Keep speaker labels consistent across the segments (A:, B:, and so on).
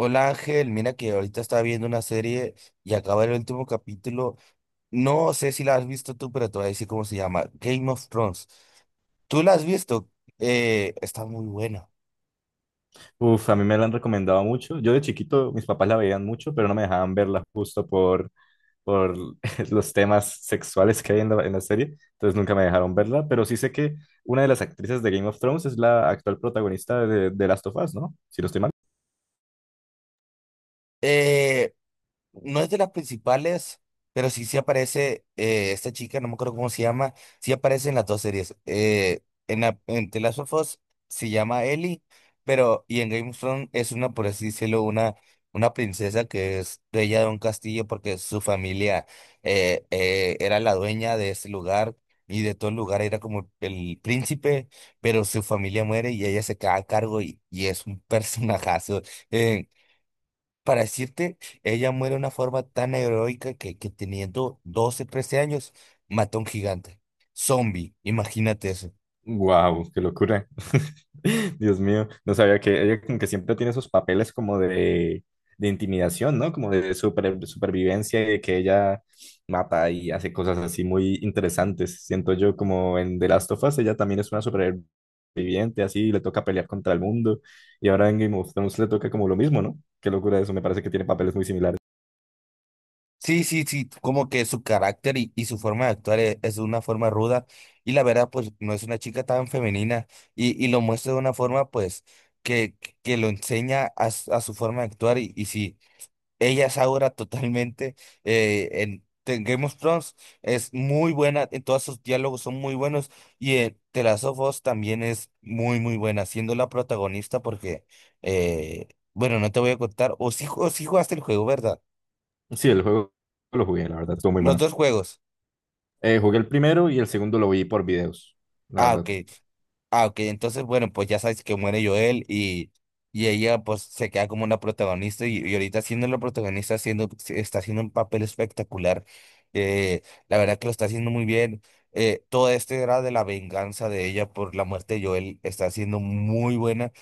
A: Hola Ángel, mira que ahorita estaba viendo una serie y acaba el último capítulo. No sé si la has visto tú, pero te voy a decir cómo se llama. Game of Thrones. ¿Tú la has visto? Está muy buena.
B: Uf, a mí me la han recomendado mucho. Yo de chiquito, mis papás la veían mucho, pero no me dejaban verla justo por los temas sexuales que hay en la serie. Entonces nunca me dejaron verla, pero sí sé que una de las actrices de Game of Thrones es la actual protagonista de Last of Us, ¿no? Si no estoy mal.
A: Eh, No es de las principales, pero sí, sí aparece esta chica, no me acuerdo cómo se llama, sí aparece en las dos series. En The Last of Us se llama Ellie, pero y en Game of Thrones es una, por así decirlo, una princesa que es dueña de un castillo porque su familia era la dueña de ese lugar y de todo el lugar era como el príncipe, pero su familia muere y ella se queda a cargo y, es un personajazo. eh, para decirte, ella muere de una forma tan heroica que teniendo 12 13 años, mató a un gigante. Zombie, imagínate eso.
B: Wow, qué locura. Dios mío, no sabía que ella como que siempre tiene esos papeles como de intimidación, ¿no? Como de supervivencia y de que ella mata y hace cosas así muy interesantes. Siento yo como en The Last of Us, ella también es una superviviente, así le toca pelear contra el mundo y ahora en Game of Thrones le toca como lo mismo, ¿no? Qué locura eso, me parece que tiene papeles muy similares.
A: Sí, sí, sí, como que su carácter y su forma de es, de una forma ruda y la verdad, pues no es una chica tan femenina y lo muestra de una forma, pues, que, que lo enseña a su forma de actuar y sí. Ella es ahora totalmente en Game of Thrones. Es muy buena, en todos sus diálogos son muy buenos. Y en The Last of Us también es muy, muy buena, siendo la protagonista porque, eh, bueno, no te voy a contar. O si jugaste el juego, ¿verdad?
B: Sí, el juego lo jugué, la verdad, estuvo muy
A: Los
B: bueno.
A: dos juegos.
B: Jugué el primero y el segundo lo vi por videos, la
A: Ah, ok.
B: verdad.
A: Ah, ok, entonces, bueno, pues ya sabes que muere Joel y ella pues se queda como una protagonista y ahorita siendo la protagonista está haciendo un papel espectacular. Eh, la verdad que lo está haciendo muy bien. Todo este era de la venganza de ella por la muerte de Joel está siendo muy buena.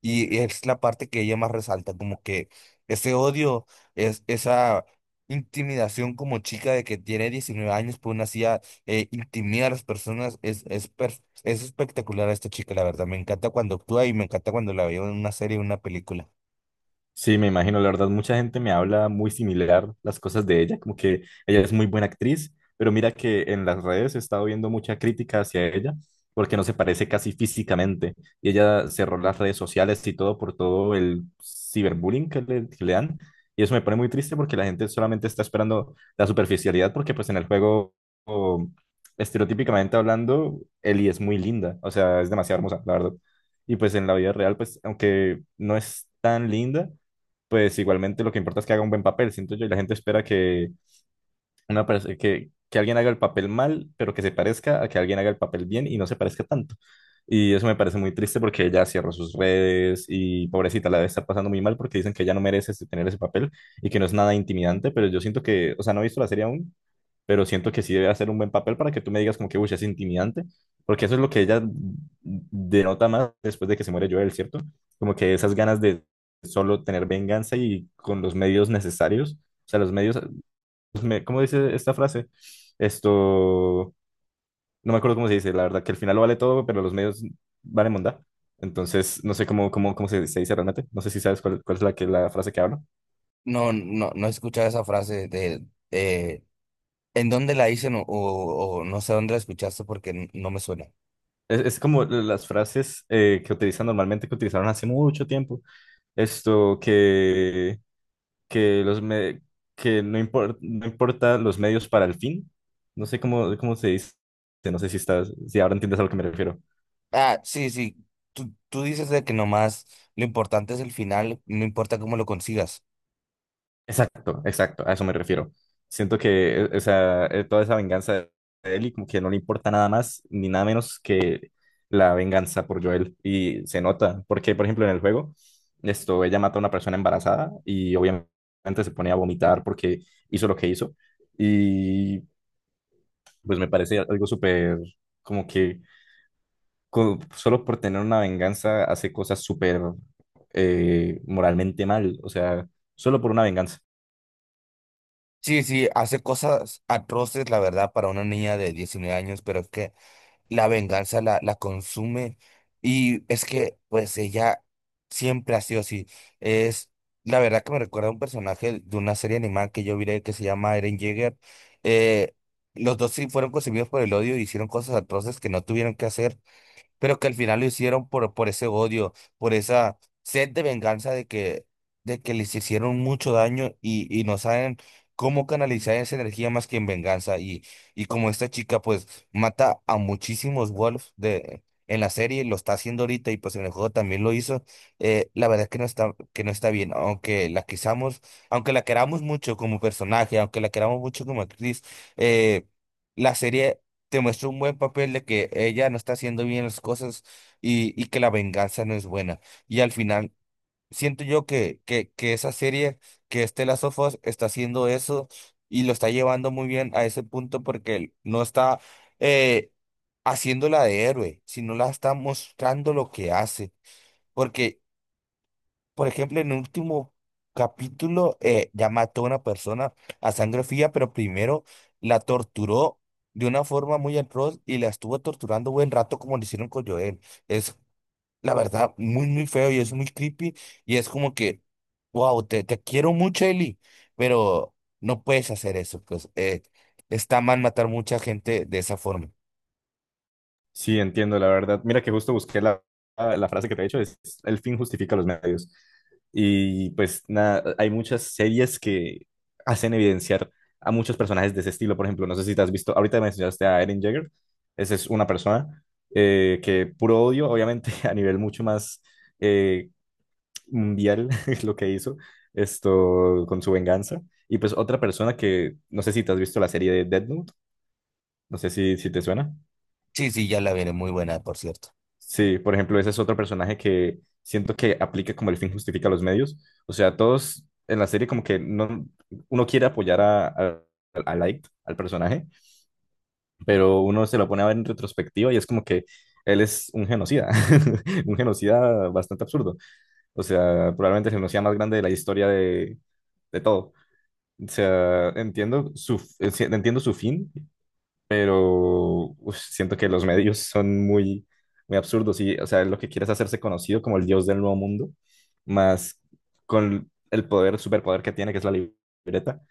A: Y es la parte que ella más resalta, como que ese odio, esa intimidación como chica de que tiene 19 años, pues una CIA intimida a las personas, es espectacular a esta chica, la verdad. Me encanta cuando actúa y me encanta cuando la veo en una serie o una película.
B: Sí, me imagino, la verdad, mucha gente me habla muy similar las cosas de ella, como que ella es muy buena actriz, pero mira que en las redes he estado viendo mucha crítica hacia ella, porque no se parece casi físicamente, y ella cerró las redes sociales y todo por todo el ciberbullying que le dan, y eso me pone muy triste porque la gente solamente está esperando la superficialidad, porque pues en el juego, o, estereotípicamente hablando, Ellie es muy linda, o sea, es demasiado hermosa, la verdad, y pues en la vida real, pues aunque no es tan linda, pues igualmente lo que importa es que haga un buen papel, siento yo, y la gente espera que, una parece que alguien haga el papel mal, pero que se parezca a que alguien haga el papel bien y no se parezca tanto. Y eso me parece muy triste porque ella cierra sus redes y pobrecita la debe estar pasando muy mal porque dicen que ella no merece tener ese papel y que no es nada intimidante, pero yo siento que, o sea, no he visto la serie aún, pero siento que sí debe hacer un buen papel para que tú me digas como que, uy, es intimidante, porque eso es lo que ella denota más después de que se muere Joel, ¿cierto? Como que esas ganas de solo tener venganza y con los medios necesarios. O sea, los medios pues, ¿cómo dice esta frase? Esto, no me acuerdo cómo se dice, la verdad, que al final lo vale todo, pero los medios valen mondá. Entonces, no sé cómo se dice realmente, no sé si sabes cuál es la frase que hablo.
A: No, no, no he escuchado esa frase de, eh, ¿en dónde la dicen o no sé dónde la escuchaste porque no me suena?
B: Es como las frases que utilizan normalmente, que utilizaron hace mucho tiempo. Esto, que, los me- que no, no importa los medios para el fin. No sé cómo, cómo se dice, no sé si estás, si ahora entiendes a lo que me refiero.
A: Ah, sí, sí, tú dices de que nomás lo importante es el final, no importa cómo lo consigas.
B: Exacto, exacto, a eso me refiero. Siento que o sea, toda esa venganza de él y como que no le importa nada más ni nada menos que la venganza por Joel y se nota, porque por ejemplo en el juego esto ella mata a una persona embarazada y obviamente se pone a vomitar porque hizo lo que hizo y pues me parece algo súper como que solo por tener una venganza hace cosas súper moralmente mal, o sea, solo por una venganza.
A: Sí, sí, hace cosas atroces, la verdad, para una niña de 19 años, pero es que la venganza la consume y es que, pues, ella siempre ha sido así. Es, la verdad que me recuerda a un personaje de una serie animada que yo vi que se llama Eren Yeager. Eh, los dos sí fueron concebidos por el odio y hicieron cosas atroces que no tuvieron que hacer pero que al final lo hicieron por ese odio, por esa sed de venganza de que les hicieron mucho daño y no saben cómo canalizar esa energía más que en venganza. Y como esta chica pues mata a muchísimos en la serie, lo está haciendo ahorita y pues en el juego también lo hizo, la verdad es que que no está bien, aunque la quisamos, aunque la queramos mucho como personaje, aunque la queramos mucho como actriz, eh, la serie te muestra un buen papel de que ella no está haciendo bien las cosas y que la venganza no es buena. Y al final, siento yo que esa serie, que este Last of Us está haciendo eso y lo está llevando muy bien a ese punto porque no está eh, haciéndola de héroe, sino la está mostrando lo que hace. Porque por ejemplo, en el último capítulo ya mató a una persona a sangre fría, pero primero la torturó de una forma muy atroz y la estuvo torturando buen rato como lo hicieron con Joel. Es la verdad muy, muy feo y es muy creepy y es como que, wow, te quiero mucho, Eli, pero no puedes hacer eso, está mal matar mucha gente de esa forma.
B: Sí, entiendo, la verdad. Mira que justo busqué la frase que te he dicho, es el fin justifica los medios. Y pues nada, hay muchas series que hacen evidenciar a muchos personajes de ese estilo. Por ejemplo, no sé si te has visto, ahorita mencionaste a Eren Jaeger, esa es una persona que puro odio, obviamente a nivel mucho más eh, mundial es lo que hizo esto con su venganza. Y pues otra persona que, no sé si te has visto la serie de Death Note, no sé si te suena.
A: Sí, sí, ya la veré, muy buena, por cierto.
B: Sí, por ejemplo, ese es otro personaje que siento que aplica como el fin justifica los medios. O sea, todos en la serie como que no, uno quiere apoyar a Light, al personaje, pero uno se lo pone a ver en retrospectiva y es como que él es un genocida, un genocida bastante absurdo. O sea, probablemente el genocida más grande de la historia de todo. O sea, entiendo su fin, pero uf, siento que los medios son muy, muy absurdos y, o sea, lo que quieres hacerse conocido como el dios del nuevo mundo, más con el poder, superpoder que tiene, que es la libreta,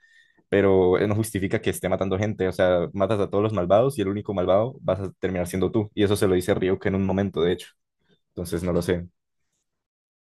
B: pero no justifica que esté matando gente, o sea, matas a todos los malvados y el único malvado vas a terminar siendo tú, y eso se lo dice Ryuk en un momento, de hecho, entonces no lo sé.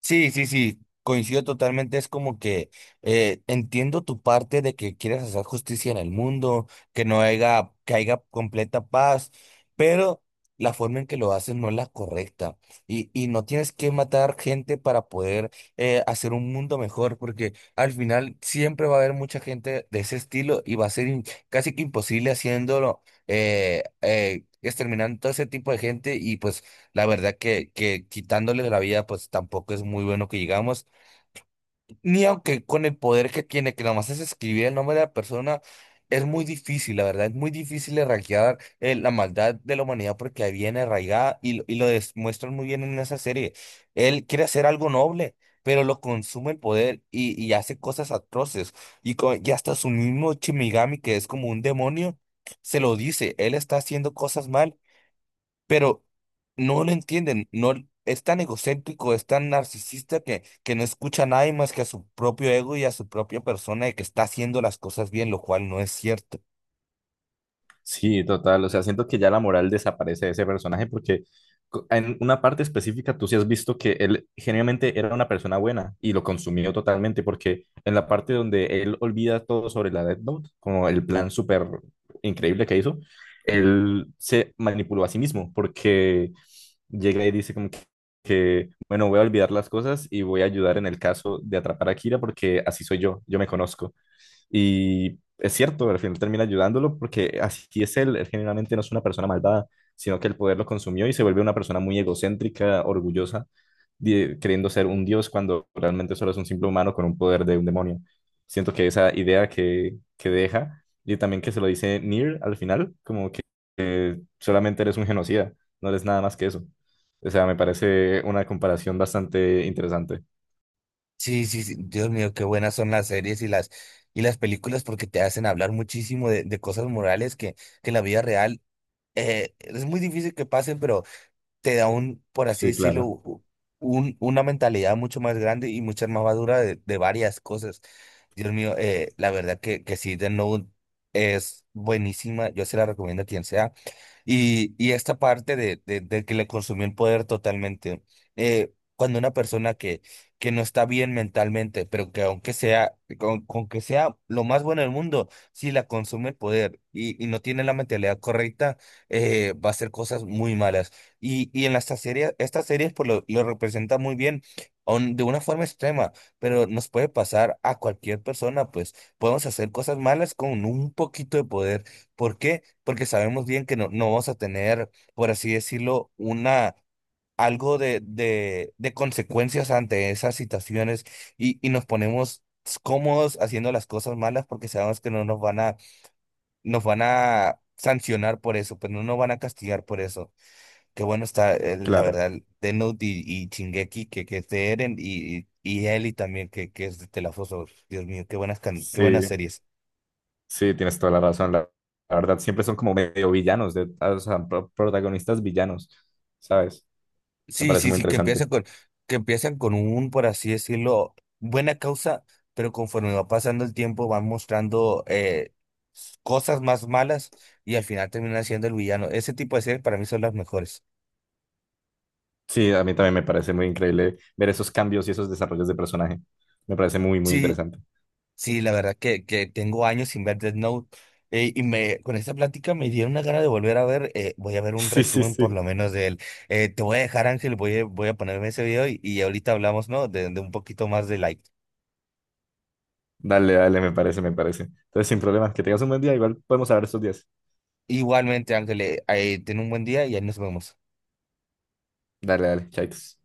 A: Sí, sí, sí, coincido totalmente. Es como que entiendo tu parte de que quieres hacer justicia en el mundo, que no haya, que haya completa paz, pero la forma en que lo haces no es la correcta. Y no tienes que matar gente para poder hacer un mundo mejor, porque al final siempre va a haber mucha gente de ese estilo y va a ser casi que imposible haciéndolo, exterminando todo ese tipo de gente y pues la verdad que quitándole la vida, pues tampoco es muy bueno que digamos, ni aunque con el poder que tiene, que nomás es escribir el nombre de la persona, es muy difícil, la verdad, es muy difícil erradicar la maldad de la humanidad porque ahí viene arraigada y lo demuestran muy bien en esa serie. Él quiere hacer algo noble, pero lo consume el poder y hace cosas atroces. Y hasta su mismo Shinigami, que es como un demonio, se lo dice, él está haciendo cosas mal pero no lo entienden, no es tan egocéntrico, es tan narcisista que no escucha a nadie más que a su propio ego y a su propia persona de que está haciendo las cosas bien, lo cual no es cierto.
B: Sí, total. O sea, siento que ya la moral desaparece de ese personaje porque en una parte específica tú sí has visto que él genuinamente era una persona buena y lo consumió totalmente porque en la parte donde él olvida todo sobre la Death Note, como el plan súper increíble que hizo, él se manipuló a sí mismo porque llega y dice como que, bueno, voy a olvidar las cosas y voy a ayudar en el caso de atrapar a Kira porque así soy yo, yo me conozco. Y es cierto, al final termina ayudándolo porque así es él. Él generalmente no es una persona malvada, sino que el poder lo consumió y se vuelve una persona muy egocéntrica, orgullosa, queriendo ser un dios cuando realmente solo es un simple humano con un poder de un demonio. Siento que esa idea que deja y también que se lo dice Nier al final, como que solamente eres un genocida, no eres nada más que eso. O sea, me parece una comparación bastante interesante.
A: Sí, sí, sí, Dios mío, qué buenas son las series y las películas porque te hacen hablar muchísimo de cosas morales que en la vida real es muy difícil que pasen, pero te da un, por así
B: Sí,
A: decirlo,
B: claro,
A: una mentalidad mucho más grande y mucha más madura de varias cosas. Dios mío, la verdad que sí, The Note es buenísima, yo se la recomiendo a quien sea. Y esta parte de que le consumió el poder totalmente. Cuando una persona que no está bien mentalmente, pero que aunque sea, con que sea lo más bueno del mundo, si la consume el poder y no tiene la mentalidad correcta, va a hacer cosas muy malas. Y en estas series pues, lo representa muy bien, aun de una forma extrema, pero nos puede pasar a cualquier persona, pues podemos hacer cosas malas con un poquito de poder. ¿Por qué? Porque sabemos bien que no, no vamos a tener, por así decirlo, una, algo de consecuencias ante esas situaciones y nos ponemos cómodos haciendo las cosas malas porque sabemos que no nos van a, nos van a sancionar por eso, pero no nos van a castigar por eso. Qué bueno está, la
B: claro.
A: verdad, Death Note y Shingeki, que es de Eren, y Ellie también, que es de The Last of Us. Dios mío, qué buenas, qué buenas
B: Sí,
A: series.
B: sí, tienes toda la razón. La verdad, siempre son como medio villanos, de, ah, o sea, protagonistas villanos, ¿sabes? Me
A: Sí,
B: parece
A: sí,
B: muy
A: sí,
B: interesante.
A: que empiezan con un, por así decirlo, buena causa, pero conforme va pasando el tiempo van mostrando cosas más malas y al final terminan siendo el villano. Ese tipo de series para mí son las mejores.
B: Sí, a mí también me parece muy increíble ver esos cambios y esos desarrollos de personaje. Me parece muy, muy
A: Sí,
B: interesante.
A: sí, la verdad que tengo años sin ver Death Note y me, con esta plática me dieron una gana de volver a ver, voy a ver un
B: Sí, sí,
A: resumen por
B: sí.
A: lo menos de él. Te voy a dejar, Ángel, voy a ponerme ese video y ahorita hablamos, ¿no? De un poquito más de like.
B: Dale, dale, me parece, me parece. Entonces, sin problemas, que tengas un buen día, igual podemos hablar estos días.
A: Igualmente, Ángeles, ten un buen día y ahí nos vemos.
B: Dale, dale, chaitos.